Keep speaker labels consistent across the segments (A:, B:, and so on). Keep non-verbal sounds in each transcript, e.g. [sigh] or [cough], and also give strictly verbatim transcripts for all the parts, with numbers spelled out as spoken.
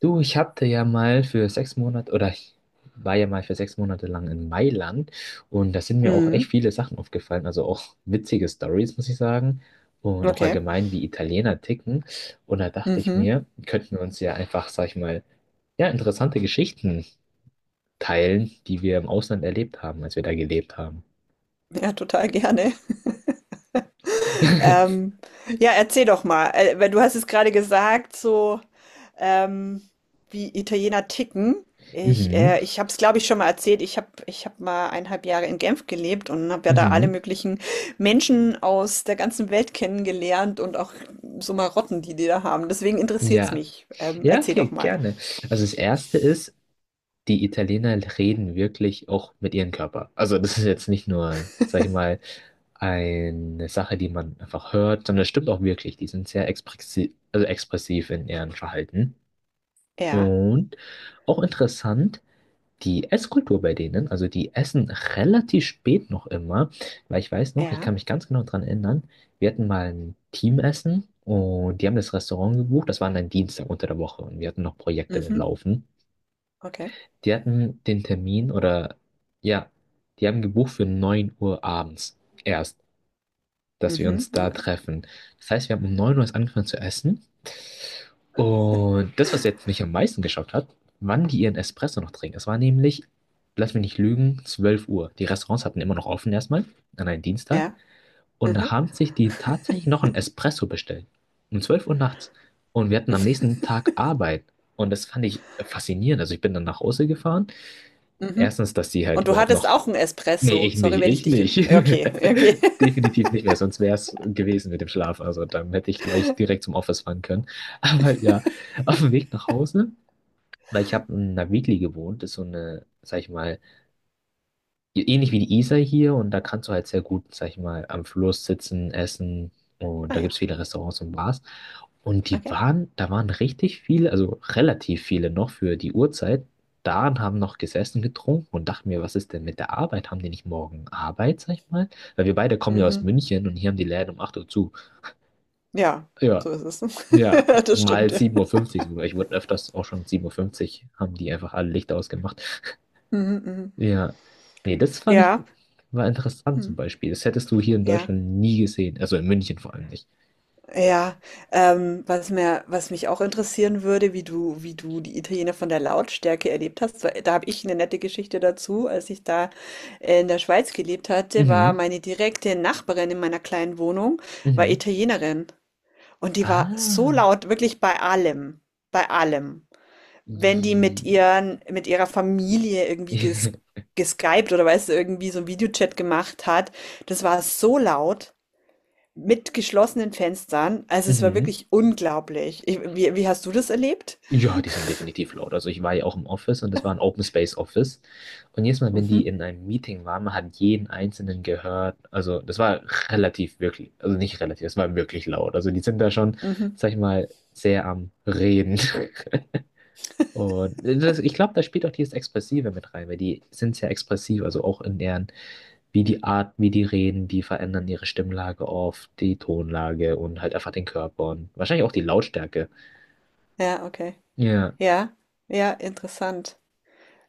A: Du, ich hatte ja mal für sechs Monate oder ich war ja mal für sechs Monate lang in Mailand und da sind mir auch echt
B: Mhm.
A: viele Sachen aufgefallen, also auch witzige Stories, muss ich sagen, und auch
B: Okay.
A: allgemein, wie Italiener ticken. Und da dachte ich
B: Mhm.
A: mir, könnten wir uns ja einfach, sag ich mal, ja, interessante Geschichten teilen, die wir im Ausland erlebt haben, als wir da gelebt haben.
B: Ja, total gerne. [laughs]
A: [laughs]
B: Ähm, ja, erzähl doch mal. Äh, weil du hast es gerade gesagt, so ähm, wie Italiener ticken. Ich,
A: Mhm,
B: äh, ich habe es, glaube ich, schon mal erzählt. Ich habe ich hab mal eineinhalb Jahre in Genf gelebt und habe ja da alle
A: mhm,
B: möglichen Menschen aus der ganzen Welt kennengelernt und auch so Marotten, die die da haben. Deswegen interessiert es
A: ja.
B: mich. Ähm,
A: Ja,
B: erzähl
A: okay,
B: doch mal.
A: gerne. Also das erste ist, die Italiener reden wirklich auch mit ihrem Körper. Also das ist jetzt nicht nur, sag ich mal, eine Sache, die man einfach hört, sondern das stimmt auch wirklich. Die sind sehr expressiv, also expressiv in ihrem Verhalten.
B: Ja,
A: Und auch interessant, die Esskultur bei denen, also die essen relativ spät noch immer, weil ich weiß noch, ich kann
B: ja.
A: mich ganz genau dran erinnern, wir hatten mal ein Teamessen und die haben das Restaurant gebucht, das war dann Dienstag unter der Woche und wir hatten noch Projekte
B: Mhm.
A: laufen.
B: Okay.
A: Die hatten den Termin oder ja, die haben gebucht für neun Uhr abends erst, dass wir
B: Mhm.
A: uns da
B: Okay.
A: treffen. Das heißt, wir haben um neun Uhr erst angefangen zu essen. Und das, was jetzt mich am meisten geschockt hat, wann die ihren Espresso noch trinken. Es war nämlich, lass mich nicht lügen, zwölf Uhr. Die Restaurants hatten immer noch offen erstmal an einem Dienstag.
B: Ja.
A: Und da
B: Mhm.
A: haben sich die tatsächlich noch einen Espresso bestellt. Um zwölf Uhr nachts. Und wir hatten am nächsten Tag Arbeit. Und das fand ich faszinierend. Also ich bin dann nach Hause gefahren.
B: Mhm.
A: Erstens, dass sie halt
B: Und du
A: überhaupt
B: hattest
A: noch
B: auch einen
A: Nee,
B: Espresso.
A: ich
B: Sorry,
A: nicht,
B: wenn ich
A: ich
B: dich, ja,
A: nicht.
B: okay, okay. [laughs]
A: [laughs] Definitiv nicht mehr, sonst wäre es gewesen mit dem Schlaf. Also dann hätte ich gleich direkt zum Office fahren können. [laughs] Aber ja, auf dem Weg nach Hause, weil ich habe in einer Weekly gewohnt, das ist so eine, sag ich mal, ähnlich wie die Isar hier und da kannst du halt sehr gut, sag ich mal, am Fluss sitzen, essen und
B: Ah
A: da gibt es
B: ja,
A: viele Restaurants und Bars. Und die
B: okay.
A: waren, da waren richtig viele, also relativ viele noch für die Uhrzeit da und haben noch gesessen, getrunken und dachten mir, was ist denn mit der Arbeit? Haben die nicht morgen Arbeit, sag ich mal? Weil wir beide kommen ja aus
B: Mhm.
A: München und hier haben die Läden um acht Uhr zu.
B: Ja,
A: Ja,
B: so ist es.
A: ja,
B: [laughs] Das stimmt,
A: mal
B: ja.
A: sieben Uhr fünfzig sogar. Ich wurde öfters auch schon sieben Uhr fünfzig haben die einfach alle Lichter ausgemacht.
B: Mhm, mhm.
A: Ja, nee, das fand ich
B: Ja.
A: war interessant zum
B: Mhm.
A: Beispiel. Das hättest du hier in
B: Ja.
A: Deutschland nie gesehen. Also in München vor allem nicht.
B: Ja. Ähm, was mir was mich auch interessieren würde, wie du wie du die Italiener von der Lautstärke erlebt hast, weil da habe ich eine nette Geschichte dazu. Als ich da in der Schweiz gelebt hatte, war
A: Mhm,
B: meine direkte Nachbarin in meiner kleinen Wohnung war
A: mhm.
B: Italienerin. Und die war so
A: Ah,
B: laut, wirklich bei allem, bei allem. Wenn die mit
A: i-
B: ihren, mit ihrer Familie irgendwie ges
A: [laughs]
B: geskypt oder weißt du, irgendwie so einen Videochat gemacht hat, das war so laut mit geschlossenen Fenstern. Also es war
A: mhm.
B: wirklich unglaublich. Ich, wie, wie hast du das erlebt?
A: Ja, die sind definitiv laut. Also ich war ja auch im Office und das war ein Open Space Office. Und jedes Mal, wenn die
B: Mhm,
A: in einem Meeting waren, man hat jeden Einzelnen gehört. Also das war relativ wirklich, also nicht relativ, das war wirklich laut. Also die sind da schon,
B: mhm.
A: sag ich mal, sehr am Reden. [laughs] Und das, ich glaube, da spielt auch dieses Expressive mit rein, weil die sind sehr expressiv, also auch in deren, wie die Art, wie die reden, die verändern ihre Stimmlage auf die Tonlage und halt einfach den Körper und wahrscheinlich auch die Lautstärke.
B: Ja, okay.
A: Ja.
B: Ja, ja, interessant.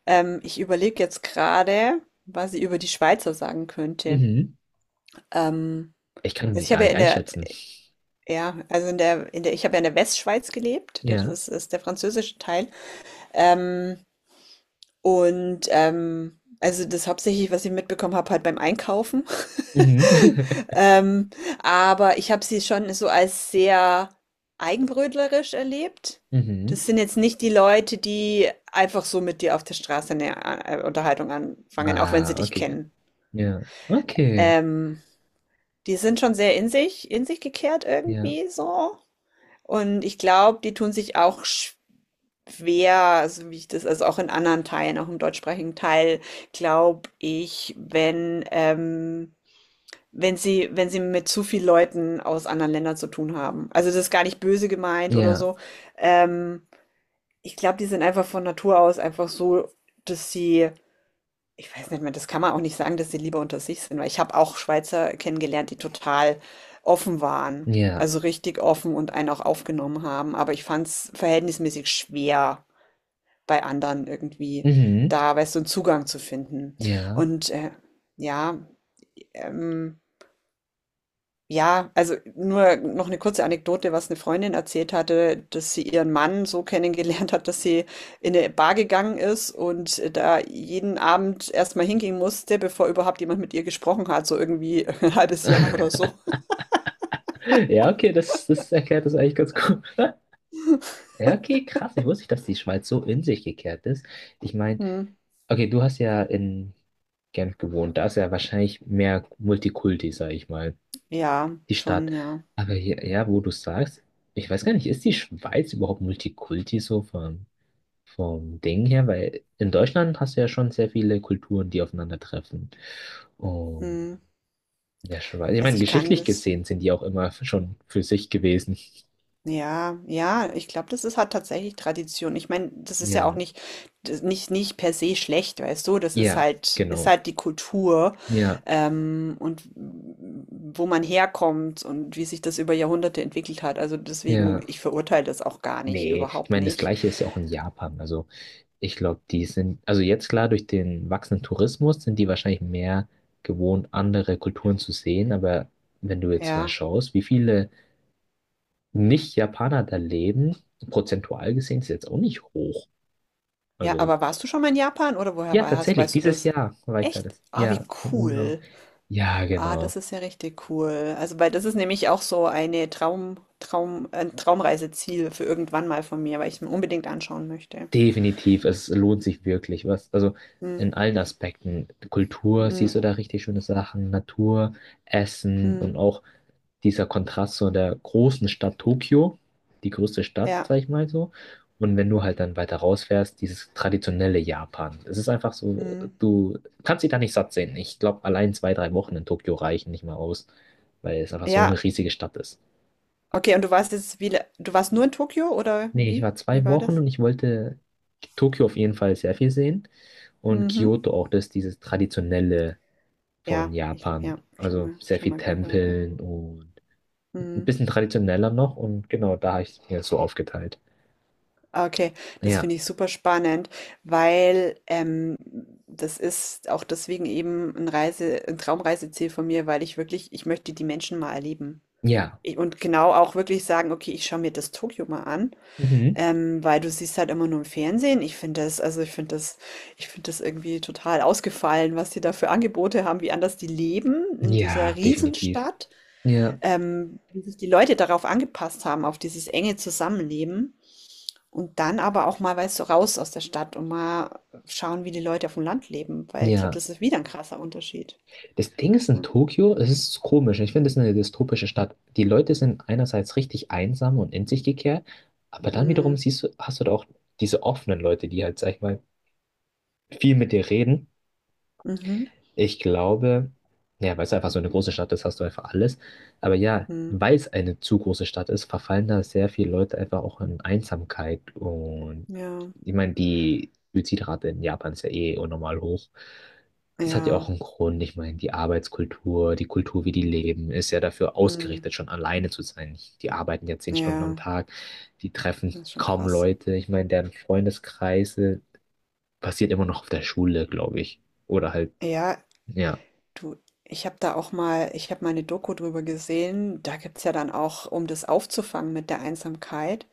B: Ähm, ich überlege jetzt gerade, was ich über die Schweizer sagen könnte.
A: Mhm.
B: Ähm,
A: Ich kann
B: also
A: die
B: ich
A: gar
B: habe ja
A: nicht
B: in der
A: einschätzen.
B: ja, also in der, in der, ich habe ja in der Westschweiz gelebt, das
A: Ja.
B: ist, ist der französische Teil. Ähm, und ähm, also das hauptsächlich, was ich mitbekommen habe, halt beim Einkaufen. [laughs]
A: Mhm. [laughs]
B: Ähm, aber ich habe sie schon so als sehr eigenbrötlerisch erlebt.
A: Mhm.
B: Das sind jetzt nicht die Leute, die einfach so mit dir auf der Straße eine äh, Unterhaltung anfangen, auch wenn
A: Ah,
B: sie dich
A: okay.
B: kennen.
A: Ja. Okay.
B: Ähm, die sind schon sehr in sich, in sich gekehrt
A: Ja.
B: irgendwie so. Und ich glaube, die tun sich auch schwer Schwer, also wie ich das, also auch in anderen Teilen, auch im deutschsprachigen Teil, glaube ich, wenn, ähm, wenn sie, wenn sie mit zu viel Leuten aus anderen Ländern zu tun haben. Also das ist gar nicht böse gemeint oder
A: Ja.
B: so. Ähm, ich glaube, die sind einfach von Natur aus einfach so, dass sie, ich weiß nicht mehr, das kann man auch nicht sagen, dass sie lieber unter sich sind, weil ich habe auch Schweizer kennengelernt, die total offen waren.
A: Ja.
B: Also richtig offen und einen auch aufgenommen haben. Aber ich fand es verhältnismäßig schwer bei anderen irgendwie
A: Mhm.
B: da, weißt du, 'n Zugang zu finden.
A: Ja.
B: Und, äh, ja, ähm ja, also nur noch eine kurze Anekdote, was eine Freundin erzählt hatte, dass sie ihren Mann so kennengelernt hat, dass sie in eine Bar gegangen ist und da jeden Abend erstmal mal hingehen musste, bevor überhaupt jemand mit ihr gesprochen hat, so irgendwie [laughs] 'n halbes Jahr oder
A: [laughs]
B: so.
A: Ja, okay, das, das erklärt das eigentlich ganz gut. [laughs] Ja, okay, krass. Ich wusste nicht, dass die Schweiz so in sich gekehrt ist. Ich meine,
B: Mhm.
A: okay, du hast ja in Genf gewohnt. Da ist ja wahrscheinlich mehr Multikulti, sag ich mal,
B: Ja,
A: die Stadt.
B: schon, ja.
A: Aber hier, ja, wo du sagst, ich weiß gar nicht, ist die Schweiz überhaupt Multikulti so vom, vom, Ding her? Weil in Deutschland hast du ja schon sehr viele Kulturen, die aufeinandertreffen. Und
B: Mhm.
A: in der Schweiz, ich
B: Also,
A: meine,
B: ich kann
A: geschichtlich
B: das,
A: gesehen sind die auch immer schon für sich gewesen.
B: ja, ja, ich glaube, das ist halt tatsächlich Tradition. Ich meine, das ist ja auch
A: Ja,
B: nicht, das- nicht, nicht per se schlecht, weißt du? Das ist
A: ja,
B: halt, ist
A: genau.
B: halt die Kultur,
A: Ja,
B: ähm, und wo man herkommt und wie sich das über Jahrhunderte entwickelt hat. Also deswegen,
A: ja.
B: ich verurteile das auch gar nicht,
A: Nee, ich
B: überhaupt
A: meine, das
B: nicht.
A: Gleiche ist ja auch in Japan. Also ich glaube, die sind, also jetzt klar, durch den wachsenden Tourismus sind die wahrscheinlich mehr gewohnt, andere Kulturen zu sehen. Aber wenn du jetzt mal
B: Ja,
A: schaust, wie viele Nicht-Japaner da leben, prozentual gesehen ist jetzt auch nicht hoch.
B: ja,
A: Also
B: aber warst du schon mal in Japan oder woher
A: ja,
B: war-
A: tatsächlich,
B: weißt du
A: dieses
B: das?
A: Jahr war ich da,
B: Echt?
A: das
B: Ah,
A: ja
B: wie
A: im Urlaub.
B: cool.
A: Ja,
B: Ah,
A: genau.
B: das ist ja richtig cool. Also, weil das ist nämlich auch so eine Traum, Traum, ein Traumreiseziel für irgendwann mal von mir, weil ich es mir unbedingt anschauen möchte.
A: Definitiv, es lohnt sich wirklich was. Also
B: Hm,
A: in allen Aspekten. Kultur,
B: hm,
A: siehst du da richtig schöne Sachen, Natur, Essen und
B: hm,
A: auch dieser Kontrast so der großen Stadt Tokio, die größte Stadt,
B: ja,
A: sag ich mal so. Und wenn du halt dann weiter rausfährst, dieses traditionelle Japan. Es ist einfach so,
B: hm,
A: du kannst dich da nicht satt sehen. Ich glaube, allein zwei, drei Wochen in Tokio reichen nicht mal aus, weil es einfach so eine
B: ja.
A: riesige Stadt ist.
B: Okay, und du warst jetzt wieder, du warst nur in Tokio oder
A: Nee, ich
B: wie?
A: war
B: Wie
A: zwei
B: war
A: Wochen
B: das?
A: und ich wollte Tokio auf jeden Fall sehr viel sehen. Und
B: Mhm.
A: Kyoto auch, das ist dieses traditionelle von
B: Ja, ich,
A: Japan.
B: ja, schon
A: Also
B: mal,
A: sehr
B: schon
A: viel
B: mal gehört, ja.
A: Tempeln und ein
B: Hm.
A: bisschen traditioneller noch und genau, da habe ich es mir so aufgeteilt.
B: Ah, okay, das
A: Ja,
B: finde ich super spannend, weil ähm, das ist auch deswegen eben ein Reise, ein Traumreiseziel von mir, weil ich wirklich, ich möchte die Menschen mal erleben.
A: ja,
B: Ich- Und genau auch wirklich sagen, okay, ich schaue mir das Tokio mal an,
A: mhm.
B: ähm, weil du siehst halt immer nur im Fernsehen. Ich finde das, also ich finde das, ich finde das irgendwie total ausgefallen, was die da für Angebote haben, wie anders die leben in dieser
A: Ja, definitiv.
B: Riesenstadt,
A: Ja,
B: ähm, wie sich die Leute darauf angepasst haben, auf dieses enge Zusammenleben. Und dann aber auch mal, weißt du, raus aus der Stadt und mal schauen, wie die Leute auf dem Land leben, weil ich glaube,
A: ja.
B: das ist wieder ein krasser Unterschied.
A: Das Ding ist in
B: Ja.
A: Tokio, es ist komisch. Ich finde, es ist eine dystopische Stadt. Die Leute sind einerseits richtig einsam und in sich gekehrt, aber dann wiederum
B: Mhm.
A: siehst du, hast du da auch diese offenen Leute, die halt, sag ich mal, viel mit dir reden.
B: Mhm.
A: Ich glaube, ja, weil es einfach so eine große Stadt ist, hast du einfach alles. Aber ja,
B: Mhm.
A: weil es eine zu große Stadt ist, verfallen da sehr viele Leute einfach auch in Einsamkeit. Und
B: Ja,
A: ich meine, die Suizidrate in Japan ist ja eh unnormal hoch. Das hat ja
B: ja,
A: auch einen Grund. Ich meine, die Arbeitskultur, die Kultur, wie die leben, ist ja dafür
B: mhm.
A: ausgerichtet, schon alleine zu sein. Die arbeiten ja zehn Stunden am
B: Ja,
A: Tag, die treffen
B: das ist schon
A: kaum
B: krass.
A: Leute. Ich meine, deren Freundeskreise basiert immer noch auf der Schule, glaube ich. Oder halt.
B: Ja,
A: Ja,
B: du, ich habe da auch mal, ich habe mal eine Doku drüber gesehen. Da gibt es ja dann auch, um das aufzufangen mit der Einsamkeit,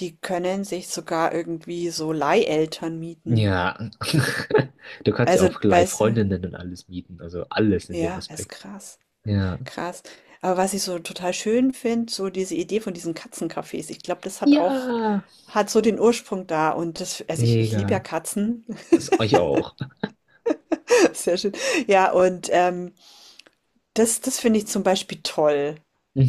B: die können sich sogar irgendwie so Leiheltern mieten.
A: ja, [laughs] du kannst ja
B: Also,
A: auch gleich
B: weißt du,
A: Freundinnen und alles mieten, also alles in dem
B: ja, ist
A: Aspekt.
B: krass.
A: Ja.
B: Krass. Aber was ich so total schön finde, so diese Idee von diesen Katzencafés, ich glaube, das hat
A: Ja,
B: auch, hat so den Ursprung da. Und das, also ich, ich liebe ja
A: mega.
B: Katzen.
A: Das euch auch.
B: [laughs] Sehr schön. Ja, und ähm, das, das finde ich zum Beispiel toll.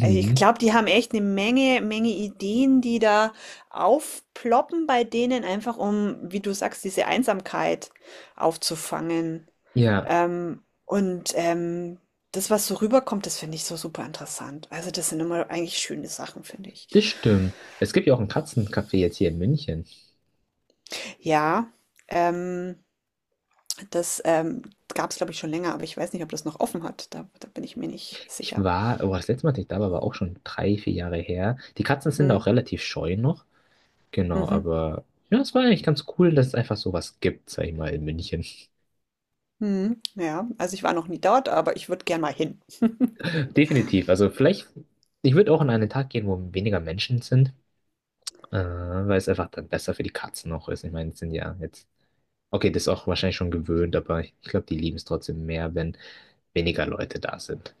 B: Also ich glaube, die haben echt eine Menge, Menge Ideen, die da aufploppen bei denen, einfach um, wie du sagst, diese Einsamkeit aufzufangen.
A: Ja,
B: Ähm, und ähm, das, was so rüberkommt, das finde ich so super interessant. Also das sind immer eigentlich schöne Sachen, finde ich.
A: das stimmt. Es gibt ja auch ein Katzencafé jetzt hier in München.
B: Ja, ähm, das ähm, gab es, glaube ich, schon länger, aber ich weiß nicht, ob das noch offen hat. Da, da bin ich mir nicht
A: Ich
B: sicher.
A: war, oh, das letzte Mal, dass ich da war, war auch schon drei, vier Jahre her. Die Katzen sind auch
B: Hm,
A: relativ scheu noch. Genau,
B: mhm.
A: aber ja, es war eigentlich ganz cool, dass es einfach sowas gibt, sag ich mal, in München.
B: Mhm. Ja, also ich war noch nie dort, aber ich würde gern mal hin.
A: [laughs] Definitiv. Also vielleicht, ich würde auch an einen Tag gehen, wo weniger Menschen sind. Äh, weil es einfach dann besser für die Katzen auch ist. Ich meine, es sind ja jetzt, okay, das ist auch wahrscheinlich schon gewöhnt, aber ich glaube, die lieben es trotzdem mehr, wenn weniger Leute da sind.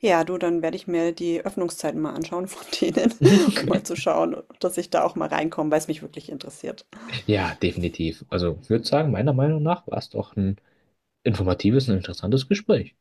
B: Ja, du, dann werde ich mir die Öffnungszeiten mal anschauen von denen, [laughs] um mal zu
A: [laughs]
B: schauen, dass ich da auch mal reinkomme, weil es mich wirklich interessiert.
A: Ja, definitiv. Also, ich würde sagen, meiner Meinung nach war es doch ein informatives und interessantes Gespräch.